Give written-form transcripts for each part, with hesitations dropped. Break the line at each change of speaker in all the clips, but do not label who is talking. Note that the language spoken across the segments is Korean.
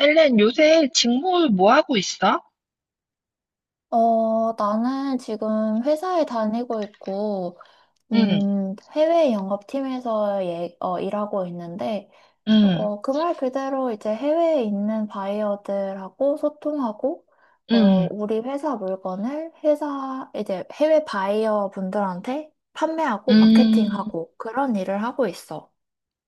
헬렌, 요새 직무 뭐 하고 있어?
나는 지금 회사에 다니고 있고,
응,
해외 영업팀에서 예, 일하고 있는데,
응,
말 그대로 이제 해외에 있는 바이어들하고 소통하고, 어,
응,
우리 회사 물건을 이제 해외 바이어 분들한테 판매하고
음,
마케팅하고 그런 일을 하고 있어.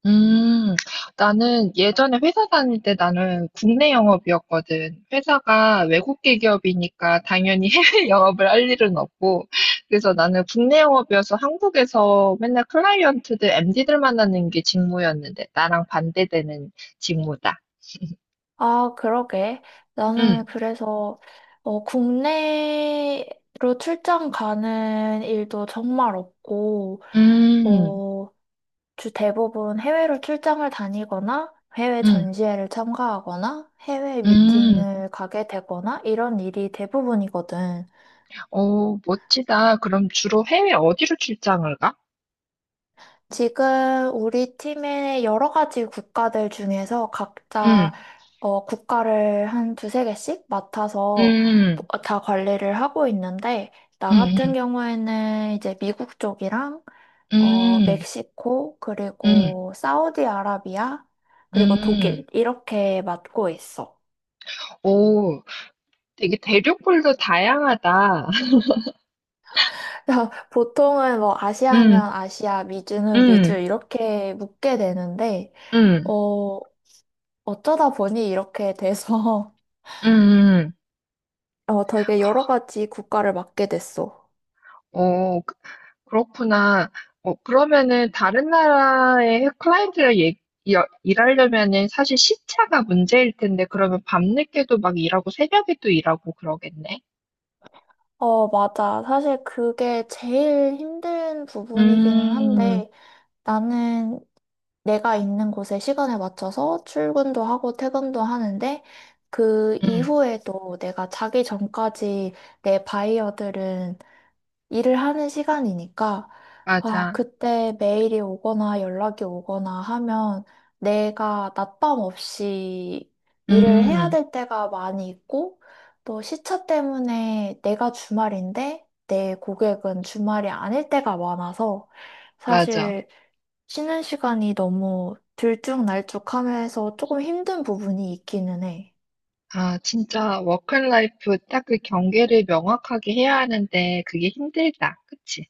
음. 나는 예전에 회사 다닐 때 나는 국내 영업이었거든. 회사가 외국계 기업이니까 당연히 해외 영업을 할 일은 없고. 그래서 나는 국내 영업이어서 한국에서 맨날 클라이언트들, MD들 만나는 게 직무였는데 나랑 반대되는 직무다.
아, 그러게.
응,
나는 그래서 국내로 출장 가는 일도 정말 없고,
음,
어, 주 대부분 해외로 출장을 다니거나 해외
음,
전시회를 참가하거나 해외
음.
미팅을 가게 되거나 이런 일이 대부분이거든.
오, 멋지다. 그럼 주로 해외 어디로 출장을 가?
지금 우리 팀의 여러 가지 국가들 중에서
음,
각자 국가를 한 두세 개씩 맡아서
음,
다 관리를 하고 있는데, 나
음,
같은 경우에는 이제 미국 쪽이랑
음,
멕시코,
음,
그리고 사우디아라비아, 그리고
음.
독일 이렇게 맡고 있어.
오, 되게 대륙별로 다양하다.
보통은 뭐 아시아면
음,
아시아, 미주는 미주
음,
이렇게 묶게 되는데,
음,
어, 어쩌다 보니 이렇게 돼서
음, 음.
되게 여러 가지 국가를 맡게 됐어.
오, 그렇구나. 어, 그러면은 다른 나라의 클라이언트랑 일하려면은 사실 시차가 문제일 텐데, 그러면 밤늦게도 막 일하고 새벽에도 일하고 그러겠네.
어, 맞아. 사실 그게 제일 힘든 부분이기는
음,
한데 나는 내가 있는 곳에 시간에 맞춰서 출근도 하고 퇴근도 하는데 그
음,
이후에도 내가 자기 전까지 내 바이어들은 일을 하는 시간이니까, 아,
맞아.
그때 메일이 오거나 연락이 오거나 하면 내가 낮밤 없이 일을 해야
음.
될 때가 많이 있고, 또 시차 때문에 내가 주말인데 내 고객은 주말이 아닐 때가 많아서
맞아.
사실 쉬는 시간이 너무 들쭉날쭉하면서 조금 힘든 부분이 있기는 해.
아 진짜 워크 라이프 딱 그 경계를 명확하게 해야 하는데 그게 힘들다. 그치?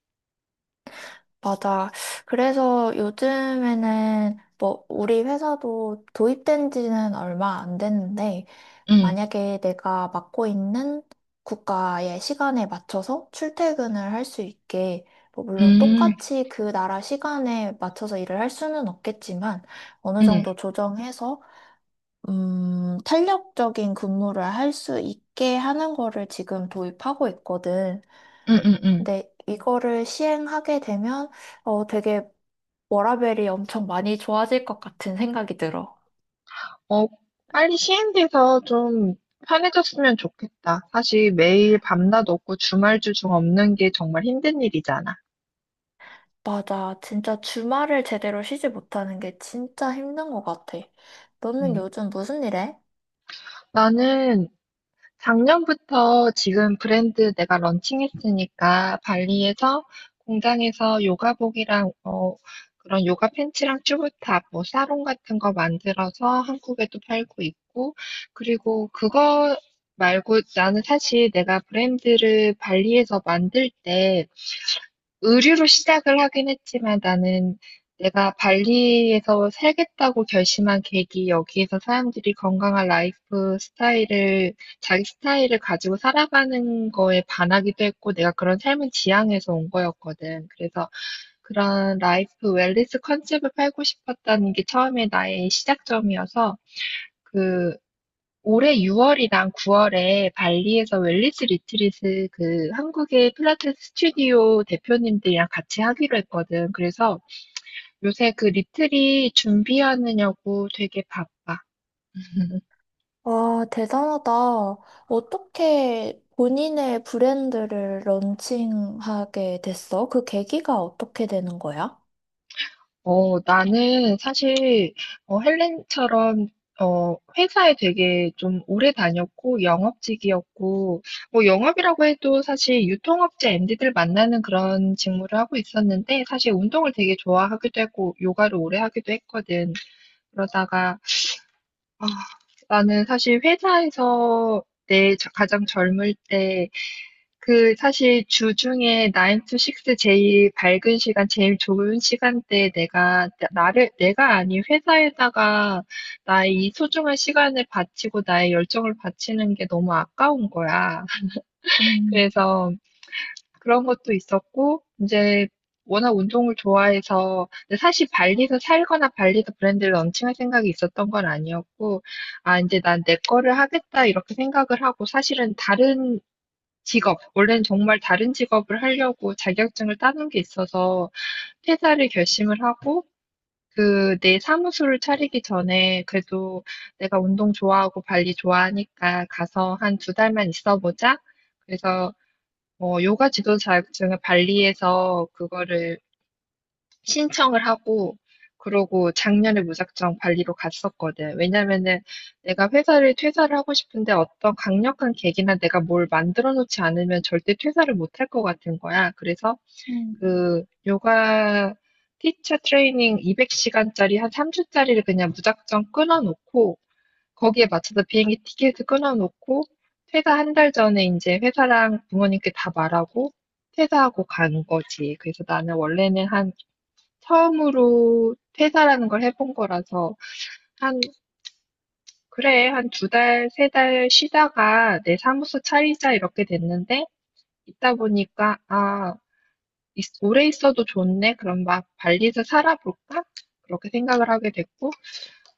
맞아. 그래서 요즘에는 뭐 우리 회사도 도입된 지는 얼마 안 됐는데
응
만약에 내가 맡고 있는 국가의 시간에 맞춰서 출퇴근을 할 수 있게 뭐 물론
음.
똑같이 그 나라 시간에 맞춰서 일을 할 수는 없겠지만 어느 정도
응
조정해서 탄력적인 근무를 할 수 있게 하는 거를 지금 도입하고 있거든.
응응응
근데 이거를 시행하게 되면 되게 워라밸이 엄청 많이 좋아질 것 같은 생각이 들어.
어 빨리 시행돼서 좀 편해졌으면 좋겠다. 사실 매일 밤낮 없고 주말 주중 없는 게 정말 힘든 일이잖아.
맞아. 진짜 주말을 제대로 쉬지 못하는 게 진짜 힘든 것 같아. 너는
음.
요즘 무슨 일 해?
나는 작년부터 지금 브랜드 내가 런칭했으니까 발리에서 공장에서 요가복이랑 그런 요가 팬츠랑 튜브탑, 뭐 사롱 같은 거 만들어서 한국에도 팔고 있고 그리고 그거 말고 나는 사실 내가 브랜드를 발리에서 만들 때 의류로 시작을 하긴 했지만 나는 내가 발리에서 살겠다고 결심한 계기, 여기에서 사람들이 건강한 라이프 스타일을, 자기 스타일을 가지고 살아가는 거에 반하기도 했고, 내가 그런 삶을 지향해서 온 거였거든. 그래서 그런 라이프 웰니스 컨셉을 팔고 싶었다는 게 처음에 나의 시작점이어서, 그 올해 6월이랑 9월에 발리에서 웰니스 리트릿을 그 한국의 필라테스 스튜디오 대표님들이랑 같이 하기로 했거든. 그래서 요새 그 리트릿 준비하느냐고 되게 바빠.
와, 대단하다. 어떻게 본인의 브랜드를 런칭하게 됐어? 그 계기가 어떻게 되는 거야?
나는 사실, 헬렌처럼, 회사에 되게 좀 오래 다녔고, 영업직이었고, 뭐, 영업이라고 해도 사실 유통업체 MD들 만나는 그런 직무를 하고 있었는데, 사실 운동을 되게 좋아하기도 했고, 요가를 오래 하기도 했거든. 그러다가, 아, 나는 사실 회사에서 내 가장 젊을 때 그 사실 주중에 9 to 6 제일 밝은 시간, 제일 좋은 시간대에 내가 나를 내가 아닌 회사에다가 나의 이 소중한 시간을 바치고 나의 열정을 바치는 게 너무 아까운 거야.
음,
그래서 그런 것도 있었고 이제 워낙 운동을 좋아해서 근데 사실 발리서 살거나 발리서 브랜드를 런칭할 생각이 있었던 건 아니었고 '아 이제 난 내 거를 하겠다.' 이렇게 생각을 하고 사실은 다른 직업. 원래는 정말 다른 직업을 하려고 자격증을 따는 게 있어서 퇴사를 결심을 하고 그 내 사무소를 차리기 전에 그래도 내가 운동 좋아하고 발리 좋아하니까 가서 한 두 달만 있어 보자. 그래서 요가 지도 자격증을 발리에서 그거를 신청을 하고 그러고 작년에 무작정 발리로 갔었거든. 왜냐면은 내가 회사를 퇴사를 하고 싶은데 어떤 강력한 계기나 내가 뭘 만들어 놓지 않으면 절대 퇴사를 못 할 것 같은 거야. 그래서
음.
그 요가 티처 트레이닝 200시간짜리 한 3주짜리를 그냥 무작정 끊어 놓고 거기에 맞춰서 비행기 티켓을 끊어 놓고 퇴사 한 달 전에 이제 회사랑 부모님께 다 말하고 퇴사하고 간 거지. 그래서 나는 원래는 한 처음으로 퇴사라는 걸 해본 거라서 한 그래 한 두 달, 세달 쉬다가 내 사무소 차리자 이렇게 됐는데 있다 보니까 아 오래 있어도 좋네 그럼 막 발리에서 살아볼까 그렇게 생각을 하게 됐고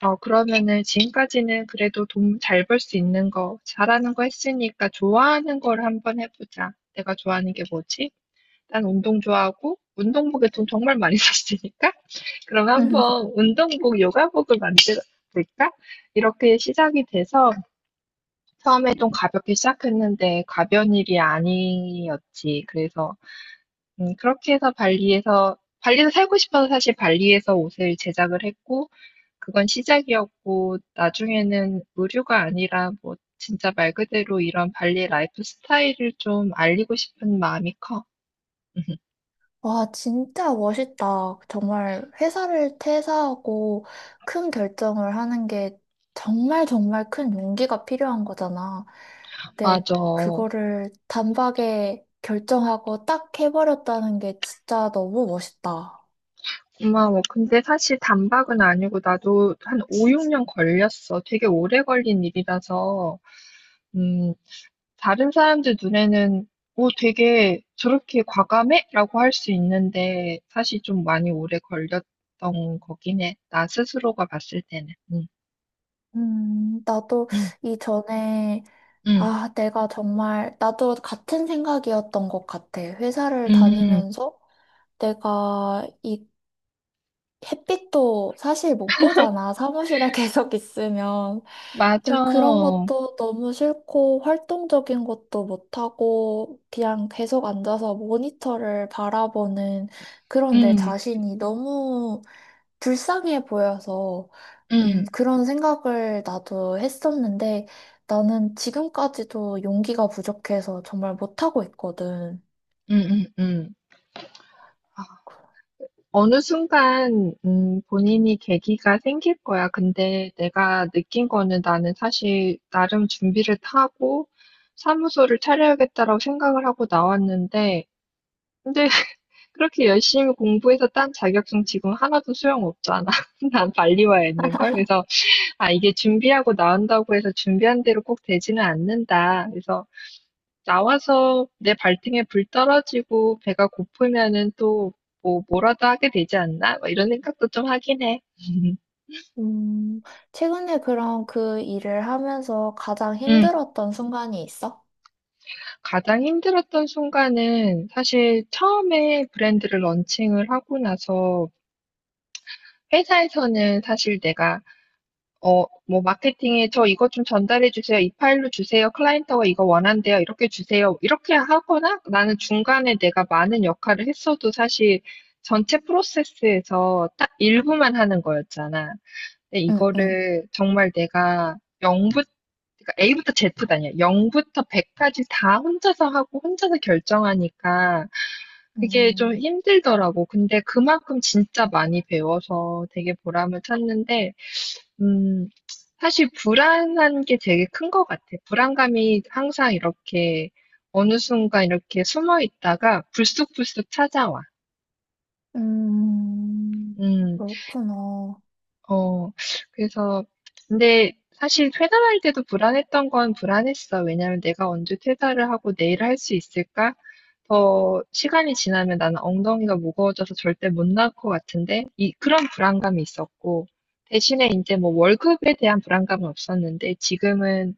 어 그러면은 지금까지는 그래도 돈 잘 벌 수 있는 거 잘하는 거 했으니까 좋아하는 걸 한번 해보자 내가 좋아하는 게 뭐지? 난 운동 좋아하고 운동복에 돈 정말 많이 썼으니까 그럼 한번 운동복, 요가복을 만들까? 볼 이렇게 시작이 돼서 처음에 좀 가볍게 시작했는데 가벼운 일이 아니었지. 그래서 그렇게 해서 발리에서 살고 싶어서 사실 발리에서 옷을 제작을 했고 그건 시작이었고 나중에는 의류가 아니라 뭐 진짜 말 그대로 이런 발리 라이프 스타일을 좀 알리고 싶은 마음이 커.
와, 진짜 멋있다. 정말 회사를 퇴사하고 큰 결정을 하는 게 정말 정말 큰 용기가 필요한 거잖아. 근데
맞아.
그거를 단박에 결정하고 딱 해버렸다는 게 진짜 너무 멋있다.
고마워. 근데 사실 단박은 아니고 나도 한 5, 6년 걸렸어. 되게 오래 걸린 일이라서, 음, 다른 사람들 눈에는 오, 되게 저렇게 과감해? 라고 할 수 있는데 사실 좀 많이 오래 걸렸던 거긴 해. 나 스스로가 봤을 때는. 응,
나도
응,
이전에,
응,
아, 내가 정말, 나도 같은 생각이었던 것 같아. 회사를
응.
다니면서 내가 이 햇빛도 사실 못 보잖아. 사무실에 계속 있으면.
맞아.
근데 그런 것도 너무 싫고, 활동적인 것도 못하고, 그냥 계속 앉아서 모니터를 바라보는 그런 내
응,
자신이 너무 불쌍해 보여서,
응,
그런 생각을 나도 했었는데, 나는 지금까지도 용기가 부족해서 정말 못하고 있거든.
응, 응, 응. 어느 순간 본인이 계기가 생길 거야. 근데 내가 느낀 거는 나는 사실 나름 준비를 다 하고 사무소를 차려야겠다라고 생각을 하고 나왔는데 근데 그렇게 열심히 공부해서 딴 자격증 지금 하나도 소용없잖아. 난 빨리 와 있는 걸. 그래서 아 이게 준비하고 나온다고 해서 준비한 대로 꼭 되지는 않는다. 그래서 나와서 내 발등에 불 떨어지고 배가 고프면은 또 뭐 뭐라도 하게 되지 않나? 막 이런 생각도 좀 하긴 해.
음, 최근에 그럼 그 일을 하면서 가장
응,
힘들었던 순간이 있어?
가장 힘들었던 순간은 사실 처음에 브랜드를 런칭을 하고 나서 회사에서는 사실 내가 뭐, 마케팅에 저 이거 좀 전달해 주세요. 이 파일로 주세요. 클라이언트가 이거 원한대요. 이렇게 주세요. 이렇게 하거나 나는 중간에 내가 많은 역할을 했어도 사실 전체 프로세스에서 딱 일부만 하는 거였잖아. 근데
응, 응.
이거를 정말 내가 0부터, A부터 Z도 아니야. 0부터 100까지 다 혼자서 하고 혼자서 결정하니까 그게 좀
음,
힘들더라고. 근데 그만큼 진짜 많이 배워서 되게 보람을 찾는데 음, 사실 불안한 게 되게 큰 것 같아. 불안감이 항상 이렇게 어느 순간 이렇게 숨어 있다가 불쑥불쑥 찾아와.
음,
음,
그렇구나.
어, 그래서, 근데 사실 퇴사할 때도 불안했던 건 불안했어. 왜냐면 내가 언제 퇴사를 하고 내일 할 수 있을까? 더 시간이 지나면 나는 엉덩이가 무거워져서 절대 못 나올 것 같은데, 이, 그런 불안감이 있었고, 대신에 이제 뭐 월급에 대한 불안감은 없었는데, 지금은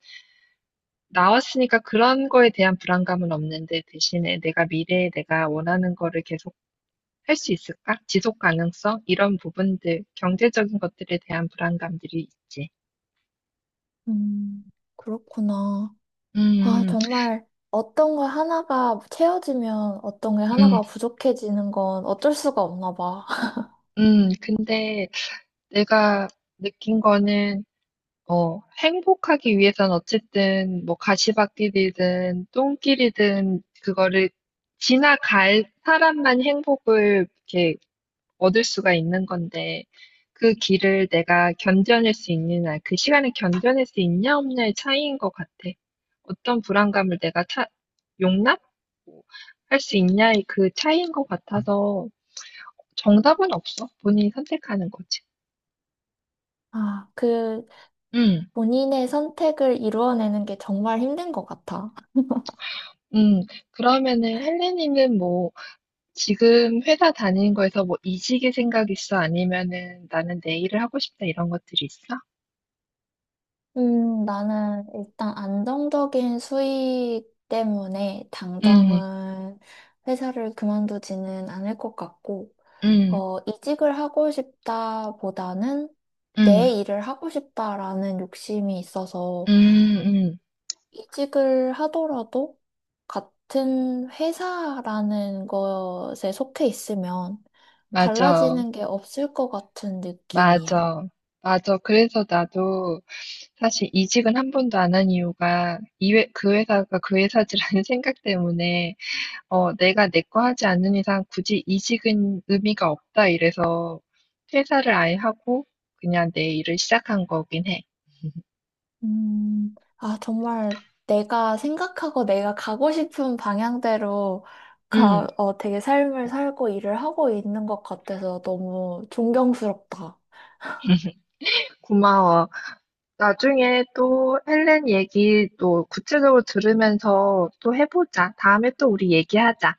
나왔으니까 그런 거에 대한 불안감은 없는데 대신에 내가 미래에 내가 원하는 거를 계속 할 수 있을까? 지속 가능성? 이런 부분들, 경제적인 것들에 대한 불안감들이 있지.
음, 그렇구나. 아,
음,
정말 어떤 거 하나가 채워지면 어떤 게
음,
하나가 부족해지는 건 어쩔 수가 없나 봐.
근데 내가 느낀 거는, 행복하기 위해선 어쨌든 뭐 가시밭길이든 똥길이든 그거를 지나갈 사람만 행복을 이렇게 얻을 수가 있는 건데 그 길을 내가 견뎌낼 수 있느냐, 그 시간을 견뎌낼 수 있냐 없냐의 차이인 것 같아. 어떤 불안감을 내가 용납? 할 수 있냐의 그 차이인 것 같아서 정답은 없어. 본인이 선택하는 거지.
아, 그
음,
본인의 선택을 이루어내는 게 정말 힘든 것 같아.
음. 그러면은 헬레니는 뭐 지금 회사 다니는 거에서 뭐 이직의 생각 있어? 아니면은 나는 내 일을 하고 싶다 이런 것들이 있어?
나는 일단 안정적인 수익 때문에
음,
당장은 회사를 그만두지는 않을 것 같고,
음,
이직을 하고 싶다보다는 내
음,
일을 하고 싶다라는 욕심이 있어서
음, 음.
이직을 하더라도 같은 회사라는 것에 속해 있으면
맞아.
달라지는 게 없을 것 같은 느낌이야.
맞아. 맞아. 그래서 나도 사실 이직은 한 번도 안한 이유가 그 회사가 그 회사지라는 생각 때문에 어, 내가 내 거 하지 않는 이상 굳이 이직은 의미가 없다 이래서 퇴사를 아예 하고 그냥 내 일을 시작한 거긴 해.
아, 정말 내가 생각하고 내가 가고 싶은 방향대로
음,
어, 되게 삶을 살고 일을 하고 있는 것 같아서 너무 존경스럽다.
고마워. 나중에 또 헬렌 얘기 또 구체적으로 들으면서 또 해보자. 다음에 또 우리 얘기하자.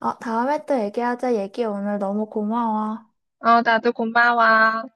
아, 다음에 또 얘기하자. 얘기 오늘 너무 고마워.
어, 나도 고마워.